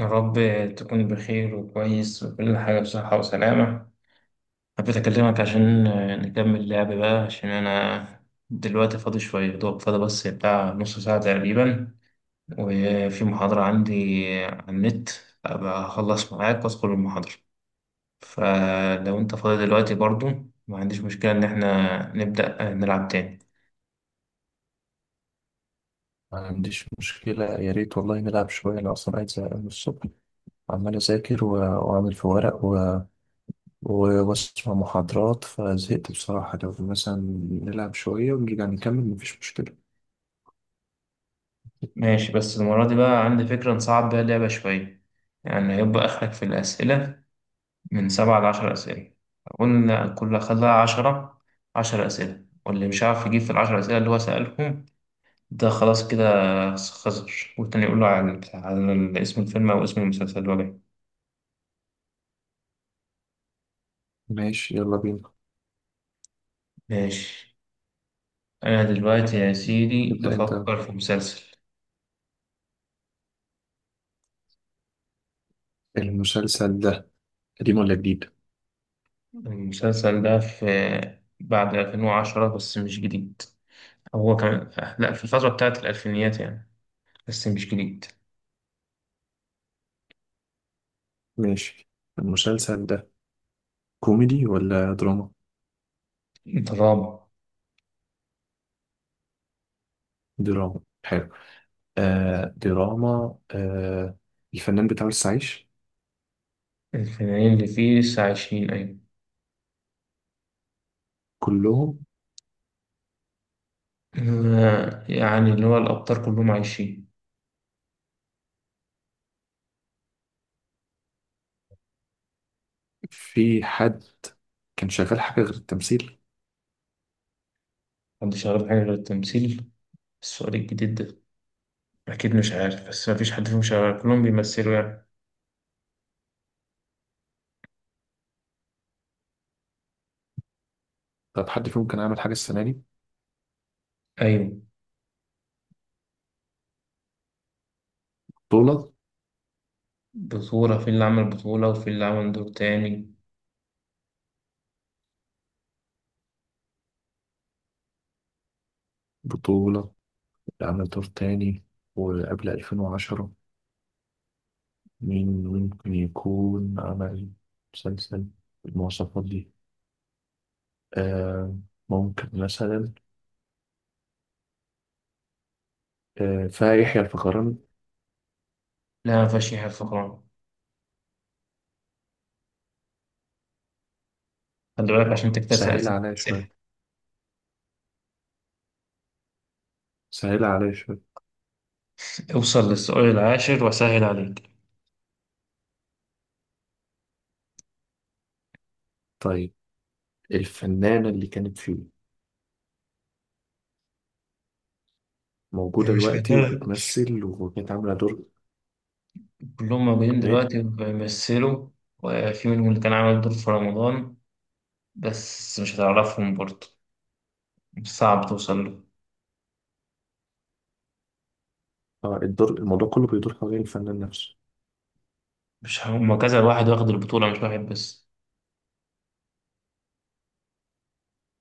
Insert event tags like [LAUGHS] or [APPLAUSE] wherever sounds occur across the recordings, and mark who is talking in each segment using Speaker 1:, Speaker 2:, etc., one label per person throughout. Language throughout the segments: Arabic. Speaker 1: يا رب تكون بخير وكويس وكل حاجة بصحة وسلامة. حبيت أكلمك عشان نكمل لعب بقى، عشان أنا دلوقتي فاضي شوية، يا دوب فاضي بس بتاع نص ساعة تقريبا، وفي محاضرة عندي على النت، أبقى أخلص معاك وأدخل المحاضرة. فلو أنت فاضي دلوقتي برضو، ما عنديش مشكلة إن إحنا نبدأ نلعب تاني.
Speaker 2: ما عنديش مشكلة. يا ريت والله نلعب شوية. أنا أصلا قاعد زهقان من الصبح، عمال أذاكر وأعمل في ورق وأسمع محاضرات، فزهقت بصراحة. لو مثلا نلعب شوية ونرجع نكمل، مفيش مشكلة.
Speaker 1: ماشي، بس المرة دي بقى عندي فكرة نصعب بيها اللعبة شوية. يعني هيبقى آخرك في الأسئلة من 7 ل10 أسئلة. قلنا كل خلاها 10، 10 أسئلة، واللي مش عارف يجيب في ال10 أسئلة اللي هو سألهم ده خلاص كده خسر، والتاني يقول له على اسم الفيلم أو اسم المسلسل اللي هو جاي.
Speaker 2: ماشي، يلا بينا.
Speaker 1: ماشي. أنا دلوقتي يا سيدي
Speaker 2: ابدأ أنت.
Speaker 1: بفكر في مسلسل.
Speaker 2: المسلسل ده قديم ولا جديد؟
Speaker 1: المسلسل ده في بعد 2010 بس مش جديد. هو كان، لأ، في الفترة بتاعت الألفينيات يعني، بس مش جديد.
Speaker 2: ماشي. المسلسل ده كوميدي ولا دراما؟
Speaker 1: دراما.
Speaker 2: دراما، حلو. آه، دراما آه. الفنان بتاع لسه عايش؟
Speaker 1: الفنانين اللي فيه لسه عايشين، أيوة.
Speaker 2: كلهم؟
Speaker 1: يعني اللي هو الأبطال كلهم عايشين.
Speaker 2: في حد كان شغال حاجة غير التمثيل؟
Speaker 1: محدش يعرف حاجة غير التمثيل. السؤال الجديد ده أكيد مش عارف، بس مفيش حد فيهم شغال، كلهم بيمثلوا يعني.
Speaker 2: طب حد فيهم كان عامل حاجة السنة دي؟
Speaker 1: أيوة.
Speaker 2: بطولة؟
Speaker 1: بطولة، في اللي عمل بطولة وفي اللي عمل دور تاني.
Speaker 2: بطولة، عمل دور تاني. وقبل 2010، مين ممكن يكون عمل مسلسل بالمواصفات دي؟ آه، ممكن مثلا، فيحيى الفخراني.
Speaker 1: لا مفيهاش حاجة فقران. خلي بالك عشان تكتسب
Speaker 2: سهل
Speaker 1: سألت
Speaker 2: عليا
Speaker 1: أسئلة.
Speaker 2: شوية، سهل عليا شوية.
Speaker 1: اوصل للسؤال العاشر وأسهل عليك.
Speaker 2: طيب، الفنانة اللي كانت فيه موجودة
Speaker 1: مش
Speaker 2: دلوقتي
Speaker 1: فاكر،
Speaker 2: وبتمثل وكانت عاملة دور؟
Speaker 1: كلهم موجودين
Speaker 2: إيه؟
Speaker 1: دلوقتي بيمثلوا، وفي منهم اللي كان عامل دور في رمضان، بس مش هتعرفهم برضه، صعب توصل له.
Speaker 2: آه، الدور، الموضوع كله بيدور حوالين الفنان نفسه؟
Speaker 1: مش هما كذا واحد واخد البطولة، مش واحد بس.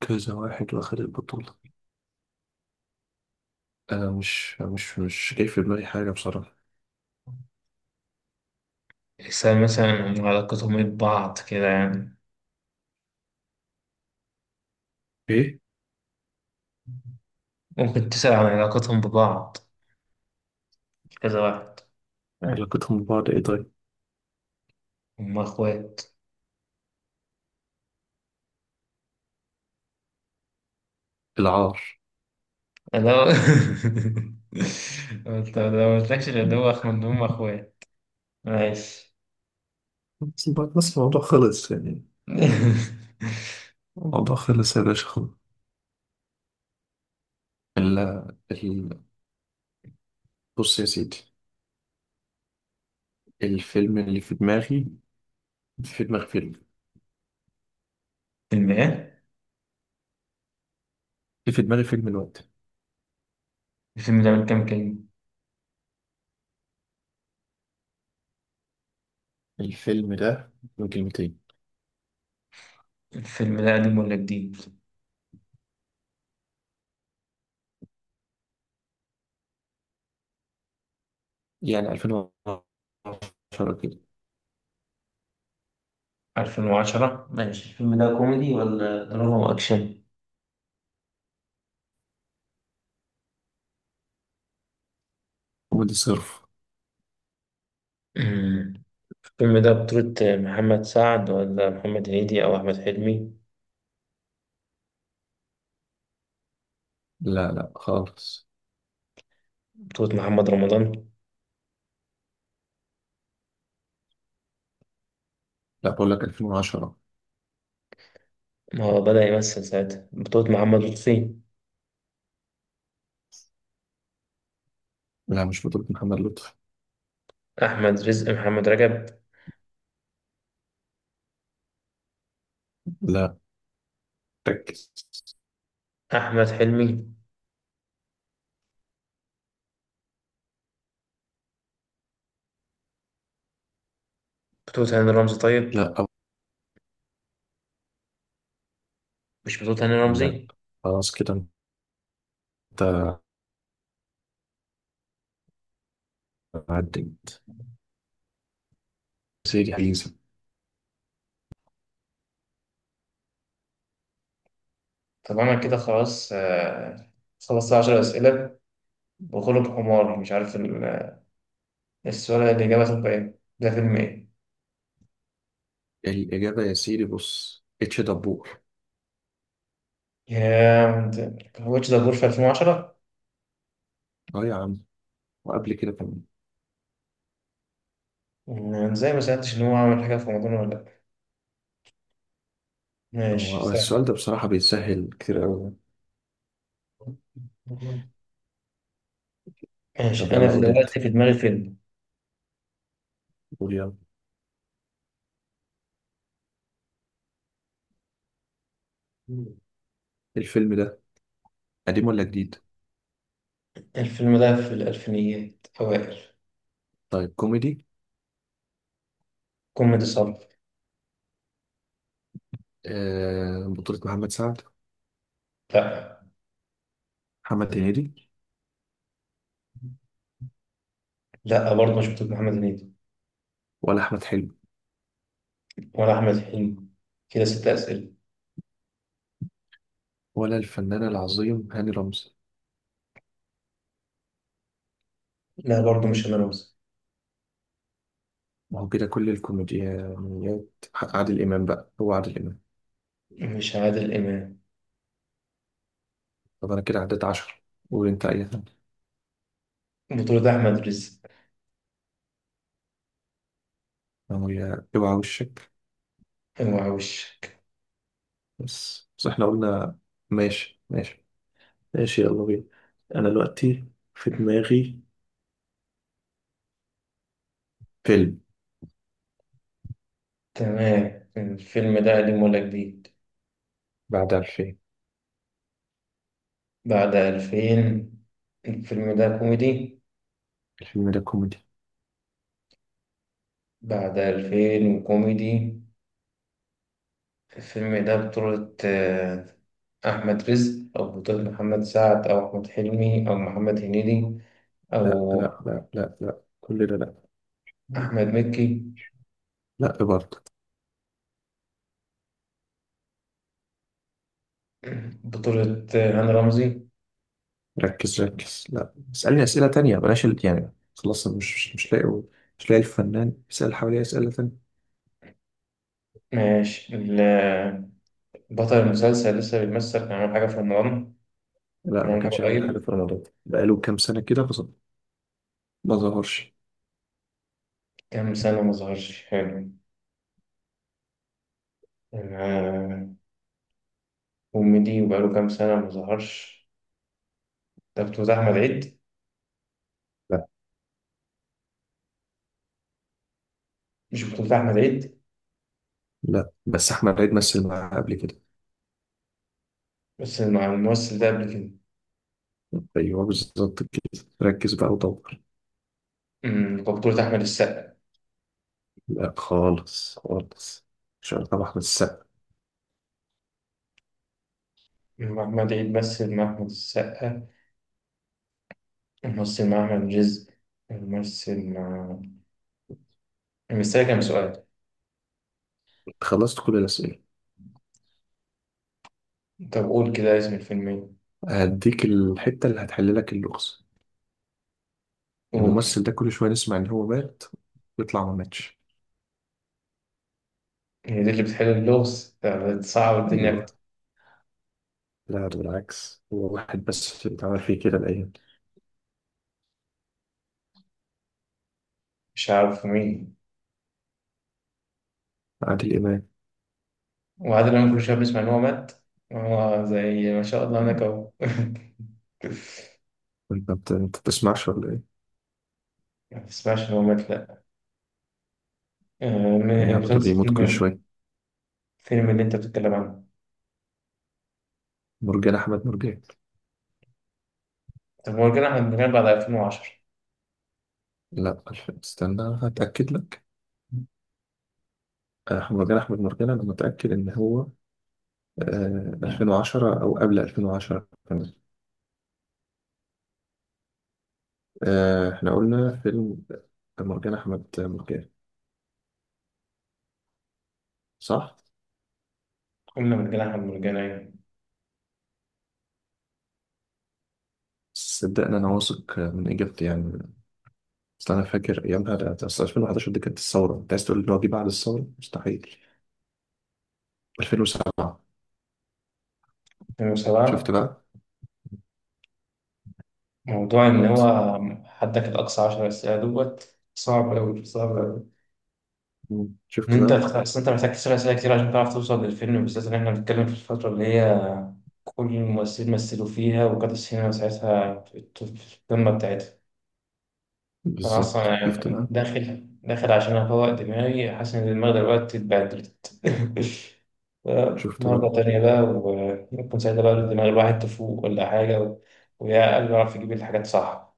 Speaker 2: كذا واحد واخد البطولة. أنا مش جاي في دماغي حاجة بصراحة.
Speaker 1: تحسها مثلا علاقتهم ايه ببعض كده يعني.
Speaker 2: إيه؟
Speaker 1: ممكن تسأل عن علاقتهم ببعض، كذا واحد.
Speaker 2: علاقتهم ببعض إيه طيب؟
Speaker 1: هما اخوات.
Speaker 2: العار.
Speaker 1: انا [LAUGHS] انت لو مقلتلكش غير ده هو اخو ان هما اخوات. ماشي.
Speaker 2: بس الموضوع خلص يعني.
Speaker 1: [LAUGHS]
Speaker 2: الموضوع خلص يا باشا، خلص. ال ال بص يا سيدي، الفيلم اللي في دماغي، في دماغي فيلم،
Speaker 1: فيلم ايه؟
Speaker 2: اللي في دماغي فيلم الوقت.
Speaker 1: الفيلم ده من كام كلمة؟
Speaker 2: الفيلم ده من كلمتين.
Speaker 1: الفيلم ده قديم ولا جديد؟
Speaker 2: يعني 2010 كده.
Speaker 1: 2010 ماشي. الفيلم ده كوميدي ولا دراما وأكشن؟
Speaker 2: كوميدي صرف.
Speaker 1: الفيلم ده بطولة محمد سعد ولا محمد هنيدي أو أحمد حلمي؟
Speaker 2: لا لا خالص.
Speaker 1: بطولة محمد رمضان؟
Speaker 2: لا، بقول لك 2010.
Speaker 1: ما هو بدأ يمثل ساعتها. بطولة محمد لطفي؟
Speaker 2: لا مش بطولة محمد لطفي.
Speaker 1: أحمد رزق؟ محمد رجب؟
Speaker 2: لا. ركز.
Speaker 1: أحمد حلمي؟ بطولة هاني رمزي طيب؟
Speaker 2: لا.
Speaker 1: مش بطولة هاني
Speaker 2: لا
Speaker 1: رمزي؟
Speaker 2: خلاص كده. انت عديت سيدي حيزة.
Speaker 1: طب أنا كده خلاص. خلصت 10 أسئلة، بغلب حمار مش عارف السؤال. الإجابة تبقى إيه؟ ده فيلم إيه؟
Speaker 2: الإجابة يا سيدي بص، اتش دبور.
Speaker 1: يا، واتش ذا بور في 2010؟
Speaker 2: اه يا عم، وقبل كده كمان.
Speaker 1: ازاي ما سألتش إن هو عمل حاجة في رمضان ولا لأ. ماشي.
Speaker 2: هو السؤال ده بصراحة بيتسهل كتير أوي. طب
Speaker 1: ماشي، أنا
Speaker 2: يلا
Speaker 1: في
Speaker 2: قول أنت،
Speaker 1: دلوقتي في دماغي فيلم.
Speaker 2: قول يلا. الفيلم ده قديم ولا جديد؟
Speaker 1: الفيلم ده في الألفينيات أوائل.
Speaker 2: طيب، كوميدي.
Speaker 1: كوميدي صرف.
Speaker 2: آه، بطولة محمد سعد؟
Speaker 1: لا.
Speaker 2: محمد هنيدي؟
Speaker 1: لا برضه مش بتوع محمد هنيدي.
Speaker 2: ولا أحمد حلمي؟
Speaker 1: ولا أحمد حلمي. كده 6 أسئلة.
Speaker 2: ولا الفنان العظيم هاني رمزي؟
Speaker 1: لا برضه، مش أنا موسى.
Speaker 2: ما هو كده كل الكوميديانيات. عادل إمام بقى، هو عادل إمام.
Speaker 1: مش عادل إمام.
Speaker 2: طب انا كده عديت 10. قول انت اي حاجه.
Speaker 1: بطولة أحمد رزق؟
Speaker 2: هي اوعى وشك.
Speaker 1: أوعى وشك.
Speaker 2: بس احنا قلنا ماشي، ماشي ماشي، يلا بينا. انا دلوقتي في دماغي فيلم.
Speaker 1: تمام، الفيلم ده قديم ولا جديد؟
Speaker 2: بعد 2000.
Speaker 1: بعد ألفين. الفيلم ده كوميدي.
Speaker 2: الفيلم ده كوميدي.
Speaker 1: بعد ألفين وكوميدي. الفيلم ده بطولة أحمد رزق أو بطولة محمد سعد أو أحمد حلمي أو محمد هنيدي،
Speaker 2: لا
Speaker 1: أو
Speaker 2: لا لا لا لا، كل ده لا.
Speaker 1: أحمد مكي؟
Speaker 2: لا إيه برضه.
Speaker 1: بطولة هاني رمزي؟
Speaker 2: ركز ركز. لا، اسألني أسئلة تانية، بلاش يعني. خلاص، أنا مش لاقي. مش لاقي الفنان، بيسأل حواليه أسئلة تانية.
Speaker 1: ماشي. بطل المسلسل لسه بيمثل، كان عامل حاجة في رمضان؟
Speaker 2: لا،
Speaker 1: كان
Speaker 2: ما
Speaker 1: عامل حاجة
Speaker 2: كانش يعمل حاجة
Speaker 1: قريب؟
Speaker 2: في رمضان بقاله كام سنة كده ما ظهرش.
Speaker 1: كام سنة ما ظهرش، حلو. آه، كوميدي وبقاله كام سنة ما ظهرش. ده بطولة أحمد عيد؟ مش بطولة أحمد عيد.
Speaker 2: لا بس احمد عيد مثل معاه قبل كده.
Speaker 1: بس مع الممثل ده قبل كده.
Speaker 2: ايوه بالظبط كده، ركز بقى ودور.
Speaker 1: بطولة أحمد السقا؟
Speaker 2: لا خالص خالص. مش عارف طبعا احمد السقا.
Speaker 1: محمد عيد مثل مع أحمد السقا، ومثل مع أحمد رزق، ومثل مع، مستني كام سؤال؟
Speaker 2: خلصت كل الاسئله.
Speaker 1: طب قول كده اسم الفيلم إيه.
Speaker 2: هديك الحته اللي هتحل لك اللغز.
Speaker 1: قول.
Speaker 2: الممثل ده كل شويه نسمع ان هو مات، ويطلع ما ماتش.
Speaker 1: هي دي اللي بتحل اللغز، ده بتصعب الدنيا
Speaker 2: ايوه.
Speaker 1: أكتر.
Speaker 2: لا بالعكس، هو واحد بس اللي اتعمل فيه كده الايام دي.
Speaker 1: مش عارف مين.
Speaker 2: عادل امام.
Speaker 1: وعادل إمام كل شوية بنسمع إن هو مات، هو زي ما شاء الله هناك أهو. [LAUGHS]
Speaker 2: انت بتسمعش ولا ايه؟
Speaker 1: ما تسمعش إن هو مات، لأ. آه،
Speaker 2: إيه يا عم، ده
Speaker 1: مسلسل
Speaker 2: بيموت
Speaker 1: فيلم
Speaker 2: كل
Speaker 1: إيه؟
Speaker 2: شويه.
Speaker 1: الفيلم اللي أنت بتتكلم عنه.
Speaker 2: مرجان احمد مرجان.
Speaker 1: طب مرجان أحمد مرجان بعد 2010؟
Speaker 2: لا استنى هتاكد لك. أحمد مرجان، أنا متأكد إن هو، 2010 أو قبل 2010 كمان. آه، إحنا قلنا فيلم مرجان أحمد مرجان، صح؟
Speaker 1: قلنا مرجان أحمد مرجان، أيوة.
Speaker 2: صدقني أنا واثق من إجابتي يعني. أصل أنا فاكر أيامها، ده أصل 2011 دي كانت الثورة. أنت عايز تقول إن هو جه بعد الثورة؟ مستحيل. 2007. شفت
Speaker 1: 2007.
Speaker 2: بقى؟
Speaker 1: موضوع إن هو، حدك الأقصى 10 أسئلة دوت، صعب أوي صعب أوي،
Speaker 2: مم.
Speaker 1: إن
Speaker 2: شفت
Speaker 1: أنت،
Speaker 2: بقى؟
Speaker 1: أصل أنت محتاج تسأل أسئلة كتير عشان تعرف توصل للفيلم، بالذات إن إحنا بنتكلم في الفترة اللي هي كل الممثلين مثلوا فيها، وكانت السينما ساعتها في في القمة بتاعتها. أنا أصلا
Speaker 2: بالظبط، شفت
Speaker 1: يعني
Speaker 2: بقى؟
Speaker 1: داخل داخل عشان أفوق دماغي، حاسس إن دماغي دلوقتي اتبهدلت. [LAUGHS]
Speaker 2: شفت
Speaker 1: مرة
Speaker 2: بقى؟
Speaker 1: تانية بقى، ويكون ساعتها بقى دماغ الواحد تفوق ولا حاجة، ويا قلبه يعرف يجيب الحاجات صح.